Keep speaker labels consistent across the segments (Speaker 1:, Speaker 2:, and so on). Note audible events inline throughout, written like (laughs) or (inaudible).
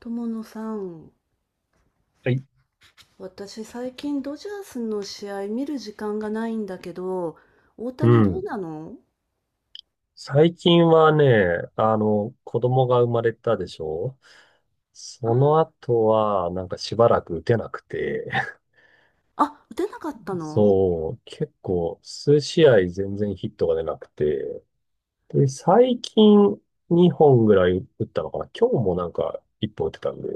Speaker 1: 友野さん、
Speaker 2: はい。
Speaker 1: 私最近ドジャースの試合見る時間がないんだけど、大
Speaker 2: う
Speaker 1: 谷どう
Speaker 2: ん。
Speaker 1: なの？
Speaker 2: 最近はね、子供が生まれたでしょ。
Speaker 1: あ
Speaker 2: その後は、なんかしばらく打てなくて、
Speaker 1: あ、打てなかったの？
Speaker 2: そう、結構、数試合全然ヒットが出なくて、で、最近2本ぐらい打ったのかな。今日もなんか1本打てたんで、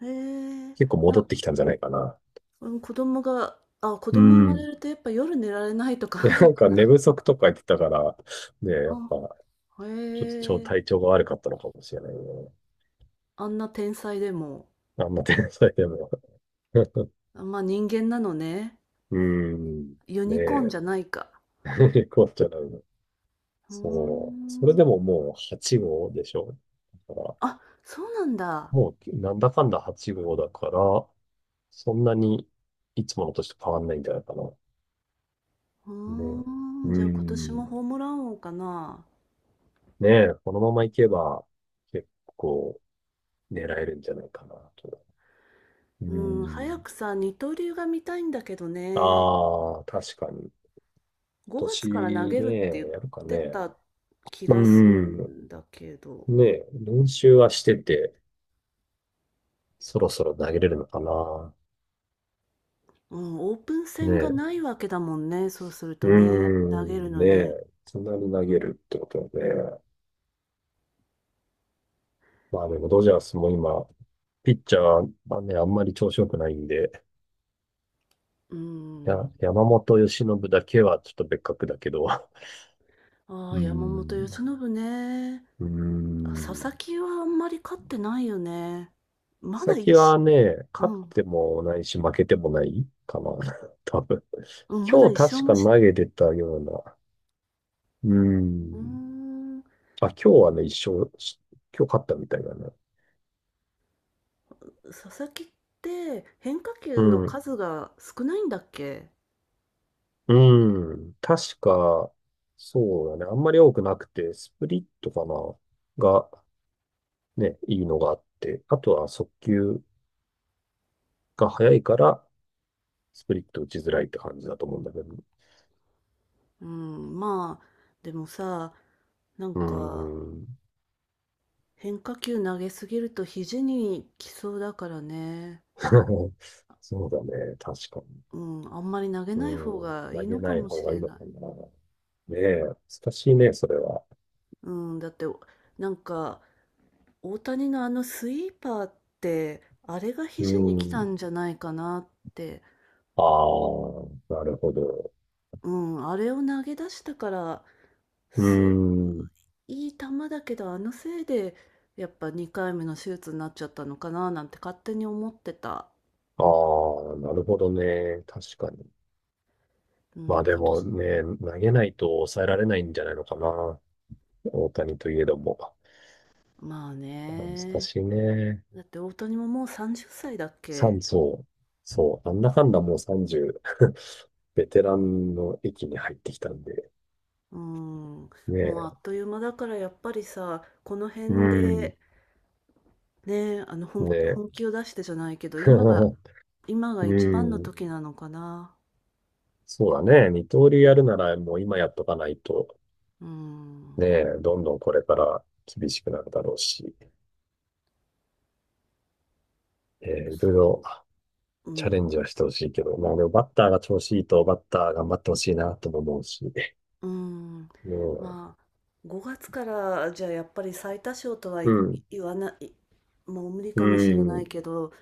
Speaker 1: へえ、
Speaker 2: 結構戻っ
Speaker 1: な、
Speaker 2: てきたんじゃないかな。
Speaker 1: うん、子供が、あ、子
Speaker 2: う
Speaker 1: 供生まれ
Speaker 2: ん。
Speaker 1: るとやっぱ夜寝られないとか (laughs)
Speaker 2: で、
Speaker 1: ある
Speaker 2: な
Speaker 1: の
Speaker 2: ん
Speaker 1: か
Speaker 2: か寝
Speaker 1: な
Speaker 2: 不足とか言ってたから、ね、やっぱ、
Speaker 1: あ、
Speaker 2: ちょっと超
Speaker 1: へえ、
Speaker 2: 体調が悪かったのかもしれないね。
Speaker 1: あんな天才でも、
Speaker 2: あんな天才でも。(laughs)
Speaker 1: まあ人間なのね。
Speaker 2: うん。
Speaker 1: ユ
Speaker 2: ね
Speaker 1: ニコーンじ
Speaker 2: え。
Speaker 1: ゃないか。
Speaker 2: (laughs) 困っちゃうな。
Speaker 1: うー
Speaker 2: そう。それ
Speaker 1: ん。
Speaker 2: でももう8号でしょ。だから、
Speaker 1: あ、そうなんだ。
Speaker 2: もうなんだかんだ8号だから、そんなにいつもの年と変わんないんじゃないかな。
Speaker 1: う
Speaker 2: ねえ。
Speaker 1: ーん、
Speaker 2: う
Speaker 1: じゃあ今年も
Speaker 2: ん。
Speaker 1: ホームラン王かな。
Speaker 2: ねえ、このままいけば結構狙えるんじゃないかなと。う
Speaker 1: うん、早
Speaker 2: ん。
Speaker 1: くさ、二刀流が見たいんだけどね。
Speaker 2: ああ、確かに。
Speaker 1: 5月から投
Speaker 2: 年
Speaker 1: げるっ
Speaker 2: ね、
Speaker 1: て言っ
Speaker 2: やるか
Speaker 1: て
Speaker 2: ね。
Speaker 1: た気
Speaker 2: う
Speaker 1: がする
Speaker 2: ん。
Speaker 1: んだけど。
Speaker 2: ねえ、練習はしてて、そろそろ投げれるのかな。
Speaker 1: うん、オープン
Speaker 2: ね
Speaker 1: 戦が
Speaker 2: え。
Speaker 1: ないわけだもんね。そうする
Speaker 2: う
Speaker 1: と
Speaker 2: ー
Speaker 1: ね、投げる
Speaker 2: ん、
Speaker 1: の
Speaker 2: ね
Speaker 1: に。
Speaker 2: え。そんなに投げるってことで、まあでもドジャースも今、ピッチャーはね、あんまり調子良くないんで、
Speaker 1: う
Speaker 2: や、
Speaker 1: ん。
Speaker 2: 山本由伸だけはちょっと別格だけど、う
Speaker 1: あ
Speaker 2: ー
Speaker 1: あ、山本由
Speaker 2: ん、
Speaker 1: 伸ね。
Speaker 2: うー
Speaker 1: あ、佐々
Speaker 2: ん。
Speaker 1: 木はあんまり勝ってないよね。まだ
Speaker 2: 先
Speaker 1: 一
Speaker 2: は
Speaker 1: し、
Speaker 2: ね、勝
Speaker 1: う
Speaker 2: っ
Speaker 1: ん、
Speaker 2: てもないし負けてもないかな、(laughs) 多分。
Speaker 1: うん、まだ
Speaker 2: 今
Speaker 1: 一勝
Speaker 2: 日確
Speaker 1: も
Speaker 2: か
Speaker 1: し、
Speaker 2: 投げてたような、うー
Speaker 1: うー
Speaker 2: ん。
Speaker 1: ん、
Speaker 2: あ、今日はね、一勝し、今日勝ったみたいだな。
Speaker 1: 佐々木って変化
Speaker 2: う
Speaker 1: 球の
Speaker 2: ん。
Speaker 1: 数が少ないんだっけ？
Speaker 2: うん。確か、そうだね。あんまり多くなくて、スプリットかなが、ね、いいのがあって、あとは速球が速いから、スプリット打ちづらいって感じだと思うんだけど。
Speaker 1: うん、まあ、でもさ、なん
Speaker 2: うー
Speaker 1: か
Speaker 2: ん。
Speaker 1: 変化球投げすぎると肘にきそうだからね。
Speaker 2: (laughs) そうだね。確かに。
Speaker 1: うん、あんまり投げ
Speaker 2: う
Speaker 1: ない方
Speaker 2: ん。
Speaker 1: がい
Speaker 2: 投
Speaker 1: い
Speaker 2: げ
Speaker 1: のか
Speaker 2: ない
Speaker 1: も
Speaker 2: 方
Speaker 1: し
Speaker 2: が
Speaker 1: れ
Speaker 2: いいのか
Speaker 1: ない。
Speaker 2: な。ねえ、難しいね、それは。
Speaker 1: うん、だって、なんか大谷のあのスイーパーって、あれが
Speaker 2: う
Speaker 1: 肘に来た
Speaker 2: ん。
Speaker 1: んじゃないかなって。
Speaker 2: ああ、なるほど。
Speaker 1: うん、あれを投げ出したから、
Speaker 2: う
Speaker 1: す、
Speaker 2: ん。
Speaker 1: いい球だけど、あのせいで、やっぱ2回目の手術になっちゃったのかななんて勝手に思ってた。
Speaker 2: ああ、なるほどね。確かに。
Speaker 1: うん、
Speaker 2: まあ
Speaker 1: 今
Speaker 2: でも
Speaker 1: 年
Speaker 2: ね、投げないと抑えられないんじゃないのかな。大谷といえども。
Speaker 1: まあ
Speaker 2: 難
Speaker 1: ね。
Speaker 2: しいね。
Speaker 1: だって大谷ももう30歳だっ
Speaker 2: 三
Speaker 1: け？
Speaker 2: 層。そう。なんだかんだもう30、ベテランの域に入ってきたんで。
Speaker 1: うん。
Speaker 2: ね
Speaker 1: もうあ
Speaker 2: え。
Speaker 1: っという間だからやっぱりさ、この
Speaker 2: う
Speaker 1: 辺
Speaker 2: ん。
Speaker 1: でね、
Speaker 2: ねえ。
Speaker 1: 本気を出してじゃないけど、今が、
Speaker 2: (laughs)
Speaker 1: 今が
Speaker 2: う
Speaker 1: 一番の
Speaker 2: ん。
Speaker 1: 時なのかな。
Speaker 2: そうだね。二刀流やるならもう今やっとかないと、
Speaker 1: うん。
Speaker 2: ねえ、どんどんこれから厳しくなるだろうし、いろいろ
Speaker 1: そう。う
Speaker 2: チャレ
Speaker 1: ん。
Speaker 2: ンジはしてほしいけど、まあでもバッターが調子いいとバッター頑張ってほしいなとも思うし。ね
Speaker 1: うん。
Speaker 2: え、
Speaker 1: まあ、5月からじゃあやっぱり最多勝とは
Speaker 2: う
Speaker 1: い
Speaker 2: ん、
Speaker 1: 言わない、もう無理
Speaker 2: う
Speaker 1: かもしれない
Speaker 2: ん、
Speaker 1: けど、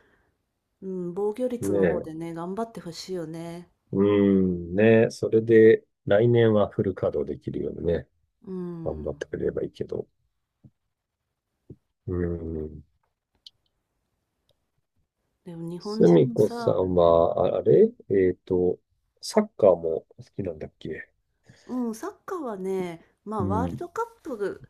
Speaker 1: うん、防御率
Speaker 2: ね
Speaker 1: の方
Speaker 2: え、
Speaker 1: でね、頑張ってほしいよね。
Speaker 2: うん、ねえ、それで来年はフル稼働できるようにね、
Speaker 1: う
Speaker 2: 頑張っ
Speaker 1: ん。
Speaker 2: てくれればいいけど。うん。
Speaker 1: でも日本
Speaker 2: す
Speaker 1: 人
Speaker 2: み
Speaker 1: も
Speaker 2: こさ
Speaker 1: さ、
Speaker 2: んは、あ、あれえっと、サッカーも好きなんだっけ？
Speaker 1: うん、サッカーはね、ま
Speaker 2: う
Speaker 1: あワール
Speaker 2: ん。
Speaker 1: ドカップ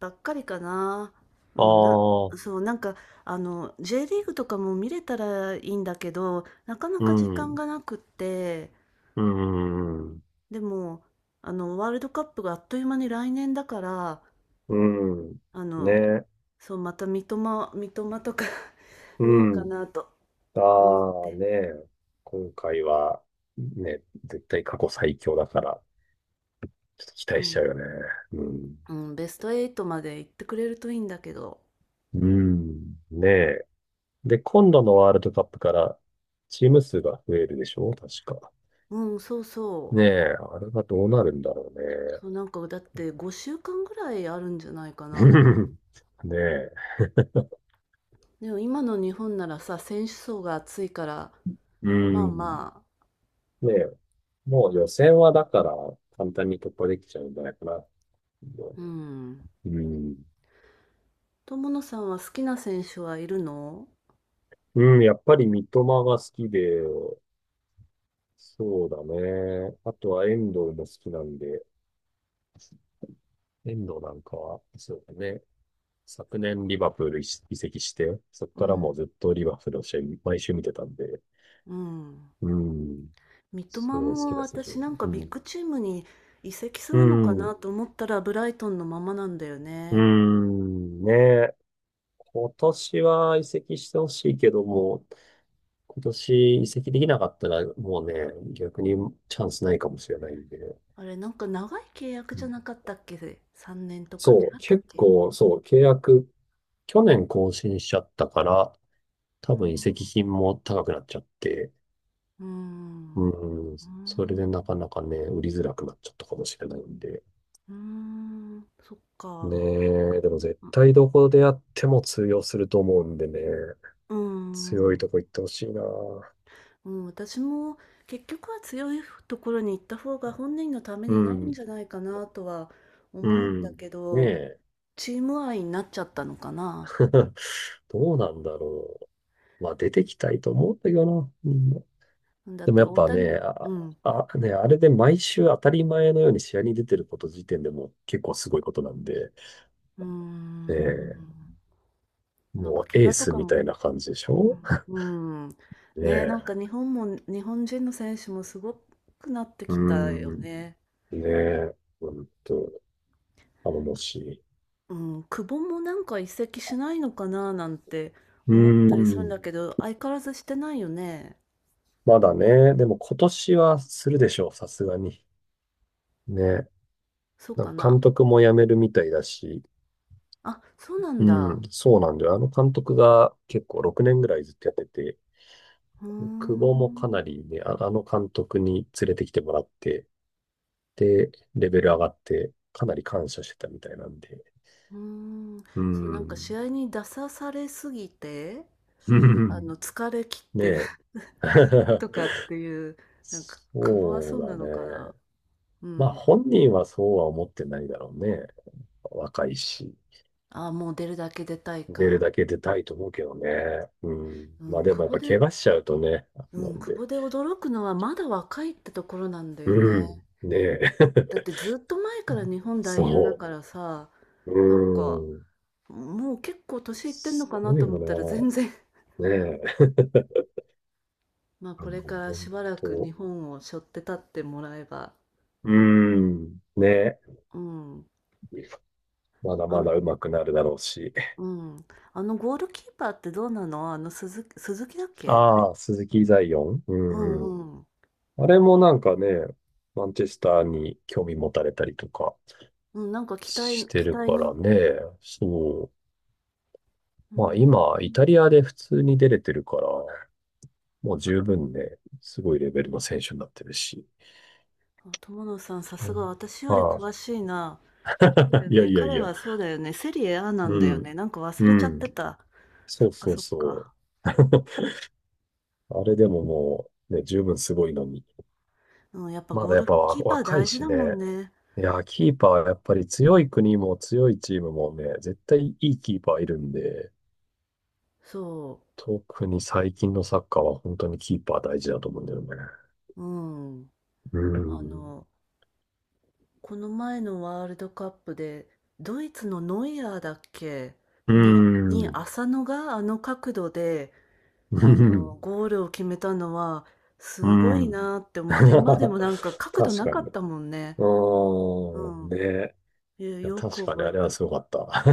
Speaker 1: ばっかりかな。う
Speaker 2: あ
Speaker 1: ん、な、
Speaker 2: あ、
Speaker 1: そう、なんか、あの、J リーグとかも見れたらいいんだけど、なかな
Speaker 2: う
Speaker 1: か時間
Speaker 2: ん、
Speaker 1: がなくって、
Speaker 2: うん、
Speaker 1: でも、あの、ワールドカップがあっという間に来年だから、
Speaker 2: うん、
Speaker 1: あ
Speaker 2: ね
Speaker 1: の、
Speaker 2: え、
Speaker 1: そう、また三笘とか (laughs)
Speaker 2: う
Speaker 1: 見ようか
Speaker 2: ん。
Speaker 1: なと思っ
Speaker 2: ああ、
Speaker 1: て、
Speaker 2: ねえ、今回は、ね、絶対過去最強だから、ちょっと期
Speaker 1: う
Speaker 2: 待しちゃ
Speaker 1: ん、
Speaker 2: うよね。うん。
Speaker 1: うん、ベスト8まで行ってくれるといいんだけど、
Speaker 2: うん。ねえ。で、今度のワールドカップからチーム数が増えるでしょ確か。
Speaker 1: うん、そうそ
Speaker 2: ね
Speaker 1: う。
Speaker 2: え。あれがどうなるんだろうね。
Speaker 1: そう、なんかだって5週間ぐらいあるんじゃないか
Speaker 2: (laughs)
Speaker 1: な。
Speaker 2: ねえ。
Speaker 1: でも今の日本ならさ、選手層が厚いから、
Speaker 2: う
Speaker 1: まあ
Speaker 2: ん。
Speaker 1: まあ、
Speaker 2: ねえ。もう予選はだから簡単に突破できちゃうんじゃないかな。
Speaker 1: うん。
Speaker 2: うん。
Speaker 1: 友野さんは好きな選手はいるの？
Speaker 2: うん、やっぱり三笘が好きで、そうだね。あとは遠藤も好きなんで、遠藤なんかは、そうだね。昨年リバプール移籍して、そこ
Speaker 1: う
Speaker 2: からもう
Speaker 1: ん、
Speaker 2: ずっとリバプールの試合毎週見てたんで、
Speaker 1: うん。
Speaker 2: うん、
Speaker 1: 三
Speaker 2: すご
Speaker 1: 笘
Speaker 2: い好き
Speaker 1: も
Speaker 2: だ選手。
Speaker 1: 私なんか
Speaker 2: う
Speaker 1: ビッ
Speaker 2: ん。
Speaker 1: グチームに移籍す
Speaker 2: う
Speaker 1: るのかな
Speaker 2: ん。
Speaker 1: と思ったらブライトンのままなんだよ
Speaker 2: う
Speaker 1: ね。
Speaker 2: ん。ねえ。今年は移籍してほしいけども、今年移籍できなかったらもうね、逆にチャンスないかもしれないんで。
Speaker 1: あれなんか長い契約
Speaker 2: う
Speaker 1: じゃ
Speaker 2: ん、
Speaker 1: なかったっけ？ 3 年とか違
Speaker 2: そう、
Speaker 1: ったっ
Speaker 2: 結
Speaker 1: け？
Speaker 2: 構、そう、契約、去年更新しちゃったから、多
Speaker 1: う
Speaker 2: 分
Speaker 1: ん、
Speaker 2: 移籍金も高くなっちゃって、
Speaker 1: うん、
Speaker 2: うん、
Speaker 1: う
Speaker 2: それ
Speaker 1: ん、
Speaker 2: でなかなかね、売りづらくなっちゃったかもしれないんで。
Speaker 1: うん、そっ
Speaker 2: ね
Speaker 1: か。
Speaker 2: え、でも絶対どこでやっても通用すると思うんでね、
Speaker 1: うー
Speaker 2: 強い
Speaker 1: ん。
Speaker 2: とこ行ってほしいな。
Speaker 1: うん、私も結局は強いところに行った方が本人のため
Speaker 2: う
Speaker 1: になるん
Speaker 2: ん、
Speaker 1: じゃないかなとは
Speaker 2: う
Speaker 1: 思うんだ
Speaker 2: ん。
Speaker 1: け
Speaker 2: ね
Speaker 1: ど、
Speaker 2: え、
Speaker 1: チーム愛になっちゃったのかな。
Speaker 2: (laughs) どうなんだろう。まあ出てきたいと思うんだけどな。みんな
Speaker 1: だっ
Speaker 2: でも
Speaker 1: て
Speaker 2: やっ
Speaker 1: 大
Speaker 2: ぱ
Speaker 1: 谷、
Speaker 2: ね、
Speaker 1: う
Speaker 2: あ、
Speaker 1: ん、
Speaker 2: あ、ね、あれで毎週当たり前のように試合に出てること時点でもう結構すごいことなんで、
Speaker 1: うー
Speaker 2: ねえ、
Speaker 1: ん、なんか
Speaker 2: もう
Speaker 1: 怪
Speaker 2: エー
Speaker 1: 我と
Speaker 2: ス
Speaker 1: か
Speaker 2: み
Speaker 1: も、
Speaker 2: たいな感じでしょ。
Speaker 1: うん、うん、
Speaker 2: ね
Speaker 1: ねえ、
Speaker 2: え。
Speaker 1: なんか日本も、日本人の選手もすごくなって
Speaker 2: う
Speaker 1: きたよ
Speaker 2: ん。
Speaker 1: ね。
Speaker 2: ねえ、ほんと、頼もしい。
Speaker 1: うん、久保もなんか移籍しないのかななんて
Speaker 2: う
Speaker 1: 思った
Speaker 2: ー
Speaker 1: りするん
Speaker 2: ん。
Speaker 1: だけど、相変わらずしてないよね。
Speaker 2: まだね、でも今年はするでしょう、さすがに。ね。
Speaker 1: そう
Speaker 2: な
Speaker 1: か
Speaker 2: んか
Speaker 1: な。
Speaker 2: 監督も辞めるみたいだし、
Speaker 1: あ、そうなん
Speaker 2: う
Speaker 1: だ。
Speaker 2: ん、そうなんだよ。あの監督が結構6年ぐらいずっとやってて、
Speaker 1: うー
Speaker 2: 久保もかな
Speaker 1: ん
Speaker 2: りね、あ、あの監督に連れてきてもらって、で、レベル上がって、かなり感謝してたみたいなんで。
Speaker 1: うんうーん。
Speaker 2: う
Speaker 1: そう、なんか試
Speaker 2: ん。
Speaker 1: 合に出さされすぎて、あの、疲れ切
Speaker 2: (laughs)
Speaker 1: っ
Speaker 2: ね
Speaker 1: てる
Speaker 2: え。
Speaker 1: (laughs)
Speaker 2: (laughs)
Speaker 1: とかっていう、なんか、久保は
Speaker 2: そ
Speaker 1: そ
Speaker 2: う
Speaker 1: うな
Speaker 2: だね。
Speaker 1: のかな。う
Speaker 2: まあ
Speaker 1: ん。
Speaker 2: 本人はそうは思ってないだろうね。若いし。
Speaker 1: あ、もう出るだけ出たい
Speaker 2: 出る
Speaker 1: か。
Speaker 2: だけ出たいと思うけどね。うん。
Speaker 1: う
Speaker 2: まあ
Speaker 1: ん、
Speaker 2: でも
Speaker 1: 久
Speaker 2: やっ
Speaker 1: 保
Speaker 2: ぱ
Speaker 1: で、
Speaker 2: 怪我しちゃうとね、
Speaker 1: う
Speaker 2: な
Speaker 1: ん、
Speaker 2: ん
Speaker 1: 久
Speaker 2: で。
Speaker 1: 保で驚くのはまだ若いってところなんだよ
Speaker 2: う
Speaker 1: ね。
Speaker 2: ん。ねえ。
Speaker 1: だってずっと前から日
Speaker 2: (laughs)
Speaker 1: 本代表だ
Speaker 2: そ
Speaker 1: からさ、
Speaker 2: う。
Speaker 1: なんか、
Speaker 2: うん。
Speaker 1: もう結構年いってんの
Speaker 2: す
Speaker 1: かな
Speaker 2: ごい
Speaker 1: と思ったら
Speaker 2: よ
Speaker 1: 全然
Speaker 2: な。ねえ。
Speaker 1: まあ、
Speaker 2: あ
Speaker 1: これ
Speaker 2: の
Speaker 1: から
Speaker 2: 本
Speaker 1: しばらく日
Speaker 2: 当。
Speaker 1: 本を背負って立ってもらえば、
Speaker 2: うん。ねえ。
Speaker 1: うん。
Speaker 2: まだ
Speaker 1: あ
Speaker 2: ま
Speaker 1: ん
Speaker 2: だ上手くなるだろうし。
Speaker 1: うん。あのゴールキーパーってどうなの？あの鈴木だっけ？あれ？
Speaker 2: ああ、鈴木ザイオン。う
Speaker 1: う
Speaker 2: んう
Speaker 1: んう
Speaker 2: ん。
Speaker 1: ん。
Speaker 2: あれもなんかね、マンチェスターに興味持たれたりとか。
Speaker 1: うん、なんか期待
Speaker 2: して
Speaker 1: 期
Speaker 2: る
Speaker 1: 待
Speaker 2: から
Speaker 1: の
Speaker 2: ね。そ
Speaker 1: う
Speaker 2: う。まあ
Speaker 1: ん。
Speaker 2: 今、イタリアで普通に出れてるから、もう十分ね、すごいレベルの選手になってるし。
Speaker 1: あ、友野さん、さ
Speaker 2: う
Speaker 1: すが
Speaker 2: ん、
Speaker 1: 私より
Speaker 2: あ
Speaker 1: 詳しいな。
Speaker 2: あ、
Speaker 1: そうだ
Speaker 2: (laughs)
Speaker 1: よ
Speaker 2: いや
Speaker 1: ね、
Speaker 2: いやい
Speaker 1: 彼
Speaker 2: や。
Speaker 1: はそうだよね、セリエ A なん
Speaker 2: う
Speaker 1: だよ
Speaker 2: ん。
Speaker 1: ね。なんか忘
Speaker 2: う
Speaker 1: れちゃっ
Speaker 2: ん。
Speaker 1: てた。
Speaker 2: そ
Speaker 1: そ
Speaker 2: う
Speaker 1: っか
Speaker 2: そう
Speaker 1: そっ
Speaker 2: そう。
Speaker 1: か。
Speaker 2: (laughs) あれでももう、ね、十分すごいのに。
Speaker 1: うん、やっぱ
Speaker 2: ま
Speaker 1: ゴ
Speaker 2: だ
Speaker 1: ー
Speaker 2: やっ
Speaker 1: ル
Speaker 2: ぱわ
Speaker 1: キーパー
Speaker 2: 若い
Speaker 1: 大事
Speaker 2: し
Speaker 1: だもん
Speaker 2: ね。
Speaker 1: ね。
Speaker 2: いや、キーパーはやっぱり強い国も強いチームもね、絶対いいキーパーいるんで、
Speaker 1: そ
Speaker 2: 特に最近のサッカーは本当にキーパー大事だと思うんだよね。
Speaker 1: う。うん。
Speaker 2: う
Speaker 1: あ
Speaker 2: ん。
Speaker 1: のこの前のワールドカップで、ドイツのノイアーだっけ？
Speaker 2: うー
Speaker 1: に、
Speaker 2: ん。
Speaker 1: 浅野があの角度で、
Speaker 2: う
Speaker 1: あの、
Speaker 2: ん
Speaker 1: ゴールを決めたのは、
Speaker 2: う
Speaker 1: すごい
Speaker 2: ん。
Speaker 1: なって思っ
Speaker 2: (laughs)
Speaker 1: て、今でもなんか角度
Speaker 2: 確
Speaker 1: な
Speaker 2: か
Speaker 1: か
Speaker 2: に。
Speaker 1: ったもんね。
Speaker 2: う
Speaker 1: う
Speaker 2: ーん。
Speaker 1: ん。
Speaker 2: ね。
Speaker 1: いや
Speaker 2: いや、
Speaker 1: よ
Speaker 2: 確
Speaker 1: く
Speaker 2: かに
Speaker 1: 覚
Speaker 2: あ
Speaker 1: え
Speaker 2: れは
Speaker 1: て、
Speaker 2: すごかった。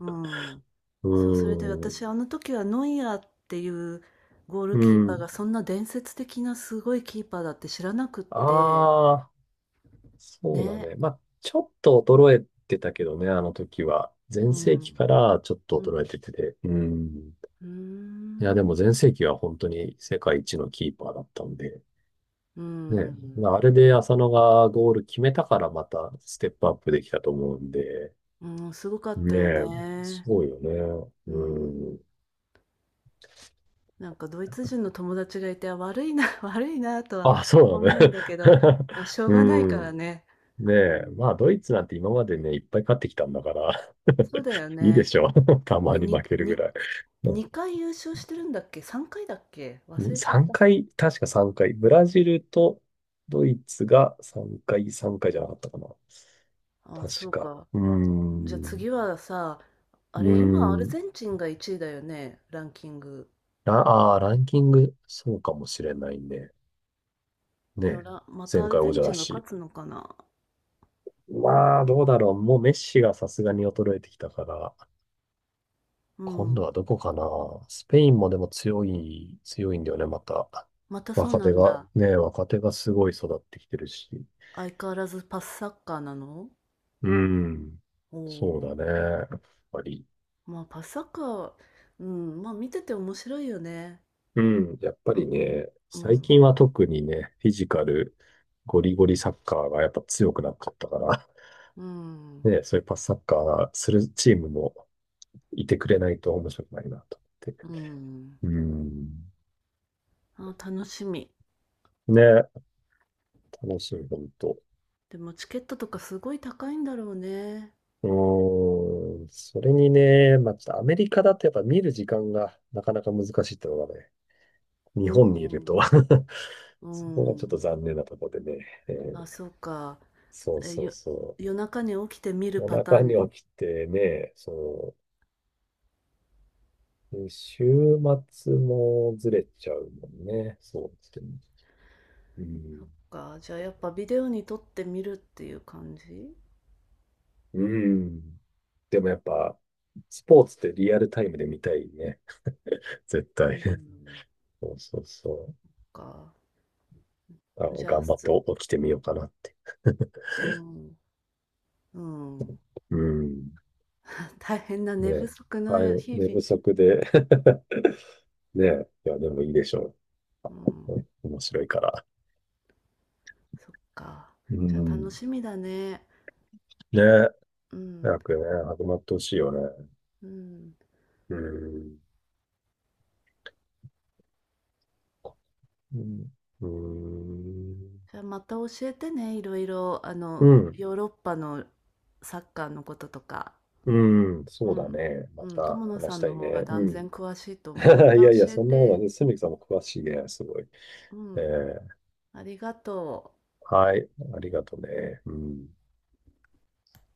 Speaker 1: うん。
Speaker 2: (laughs) う
Speaker 1: そう、それで
Speaker 2: ーん。
Speaker 1: 私、あの時はノイアーっていうゴール
Speaker 2: う
Speaker 1: キーパー
Speaker 2: ん。
Speaker 1: がそんな伝説的なすごいキーパーだって知らなくって、
Speaker 2: ああ、そうだ
Speaker 1: ね。
Speaker 2: ね。まあ、ちょっと衰えてたけどね、あの時は。
Speaker 1: う
Speaker 2: 全盛期か
Speaker 1: ん。
Speaker 2: らちょっと
Speaker 1: う
Speaker 2: 衰え
Speaker 1: ん。
Speaker 2: てて。うん。
Speaker 1: うー
Speaker 2: いや、でも
Speaker 1: ん。
Speaker 2: 全盛期は本当に世界一のキーパーだったんで。
Speaker 1: うー
Speaker 2: ね。
Speaker 1: ん。
Speaker 2: まあ、あれで浅野がゴール決めたからまたステップアップできたと思うんで。
Speaker 1: うん、すごかった
Speaker 2: ね
Speaker 1: よ
Speaker 2: え、
Speaker 1: ね。
Speaker 2: そうよね。
Speaker 1: うん。
Speaker 2: うん。
Speaker 1: なんかドイツ人の友達がいて、あ、悪いな、(laughs) 悪いなとは
Speaker 2: あ、そう
Speaker 1: 思
Speaker 2: だ
Speaker 1: うん
Speaker 2: ね。
Speaker 1: だけど、
Speaker 2: (laughs)
Speaker 1: まあしょうがないか
Speaker 2: う
Speaker 1: ら
Speaker 2: ん。
Speaker 1: ね。
Speaker 2: ね
Speaker 1: う
Speaker 2: え、
Speaker 1: ん。
Speaker 2: まあ、ドイツなんて今までね、いっぱい勝ってきたんだから、
Speaker 1: そうだよ
Speaker 2: (laughs) いいで
Speaker 1: ね。
Speaker 2: しょう。(laughs) たま
Speaker 1: で、
Speaker 2: に負けるぐらい。うん。
Speaker 1: 2回優勝してるんだっけ？3回だっけ？忘れちゃっ
Speaker 2: 3
Speaker 1: た。
Speaker 2: 回、確か3回。ブラジルとドイツが3回、3回じゃなかったかな。
Speaker 1: あ、そ
Speaker 2: 確
Speaker 1: う
Speaker 2: か。
Speaker 1: か。
Speaker 2: うー
Speaker 1: じゃあ
Speaker 2: ん。
Speaker 1: 次はさ、
Speaker 2: う
Speaker 1: あ
Speaker 2: ー
Speaker 1: れ、今アル
Speaker 2: ん。
Speaker 1: ゼンチンが1位だよね、ランキング。
Speaker 2: ああ、ランキング、そうかもしれないね。ね
Speaker 1: でも
Speaker 2: え。
Speaker 1: らまたア
Speaker 2: 前
Speaker 1: ル
Speaker 2: 回
Speaker 1: ゼ
Speaker 2: 王
Speaker 1: ン
Speaker 2: 者
Speaker 1: チ
Speaker 2: だ
Speaker 1: ンが
Speaker 2: し。
Speaker 1: 勝つのかな？
Speaker 2: まあ、どうだろう。もうメッシがさすがに衰えてきたから、
Speaker 1: う
Speaker 2: 今度
Speaker 1: ん。
Speaker 2: はどこかな。スペインもでも強いんだよね、また。
Speaker 1: またそう
Speaker 2: 若
Speaker 1: な
Speaker 2: 手
Speaker 1: ん
Speaker 2: が、
Speaker 1: だ。
Speaker 2: ね、若手がすごい育ってきてるし。
Speaker 1: 相変わらずパスサッカーなの？
Speaker 2: うん。
Speaker 1: お
Speaker 2: そうだね。
Speaker 1: お
Speaker 2: やっぱり。
Speaker 1: ー。まあパスサッカー、うん、まあ見てて面白いよね。
Speaker 2: うん。やっぱ
Speaker 1: う、
Speaker 2: りね、
Speaker 1: う
Speaker 2: 最
Speaker 1: ん、
Speaker 2: 近は特にね、フィジカル、ゴリゴリサッカーがやっぱ強くなかったから、
Speaker 1: う
Speaker 2: (laughs)
Speaker 1: ん、
Speaker 2: ね、そういうパスサッカーするチームもいてくれないと面白くないなと思っ
Speaker 1: う
Speaker 2: て。
Speaker 1: ん。
Speaker 2: うん。
Speaker 1: あ、楽しみ。
Speaker 2: ね、楽しい、本当。
Speaker 1: でもチケットとかすごい高いんだろうね。
Speaker 2: うーん。それにね、まあ、ちょっとアメリカだとやっぱ見る時間がなかなか難しいってのがね、
Speaker 1: う
Speaker 2: 日本にいると
Speaker 1: ん、う
Speaker 2: (laughs) そこがちょっと
Speaker 1: ん。
Speaker 2: 残念なところでね、
Speaker 1: あ、そうか。
Speaker 2: そう
Speaker 1: え、
Speaker 2: そう
Speaker 1: よ、
Speaker 2: そ
Speaker 1: 夜中に起きて見
Speaker 2: う。
Speaker 1: る
Speaker 2: 夜
Speaker 1: パター
Speaker 2: 中に
Speaker 1: ン。
Speaker 2: 起きてね、そう、で週末もずれちゃうもんね、そうですね。う
Speaker 1: そ
Speaker 2: ん。
Speaker 1: っか。じゃあやっぱビデオに撮って見るっていう感じ？
Speaker 2: うん。でもやっぱ、スポーツってリアルタイムで見たいね、絶
Speaker 1: う
Speaker 2: 対。(laughs)
Speaker 1: ん。
Speaker 2: そうそうそう。
Speaker 1: か。
Speaker 2: あの、
Speaker 1: じゃあ、
Speaker 2: 頑張って
Speaker 1: す、
Speaker 2: 起きてみようかなって。(laughs)
Speaker 1: うん、うん。
Speaker 2: うん。
Speaker 1: 大変な
Speaker 2: ね
Speaker 1: 寝不
Speaker 2: え。
Speaker 1: 足
Speaker 2: はい、
Speaker 1: の日
Speaker 2: 寝不
Speaker 1: 々。
Speaker 2: 足で。 (laughs) ねえ。いや、でもいいでしょ
Speaker 1: うん、
Speaker 2: う。(laughs) 面白いから。
Speaker 1: そっか。
Speaker 2: う
Speaker 1: じゃあ楽
Speaker 2: ん。
Speaker 1: しみだね。
Speaker 2: ねえ。
Speaker 1: うん、
Speaker 2: 早くね、始まってほしいよね。
Speaker 1: うん。
Speaker 2: うん。うん。うん。
Speaker 1: じゃあまた教えてね、いろいろ、あの、
Speaker 2: う
Speaker 1: ヨーロッパのサッカーのこととか。
Speaker 2: ん、うん、
Speaker 1: う
Speaker 2: そうだ
Speaker 1: ん。
Speaker 2: ね。ま
Speaker 1: うん、
Speaker 2: た
Speaker 1: 友野さ
Speaker 2: 話し
Speaker 1: ん
Speaker 2: た
Speaker 1: の
Speaker 2: い
Speaker 1: 方が
Speaker 2: ね。う
Speaker 1: 断
Speaker 2: ん。
Speaker 1: 然詳しいと思う。ま
Speaker 2: (laughs)
Speaker 1: た
Speaker 2: いやいや、
Speaker 1: 教え
Speaker 2: そんなことは
Speaker 1: て。
Speaker 2: ね、すみきさんも詳しいね、すごい。
Speaker 1: う
Speaker 2: え
Speaker 1: ん。
Speaker 2: ー
Speaker 1: ありがとう。
Speaker 2: はい、ありがとね。うん。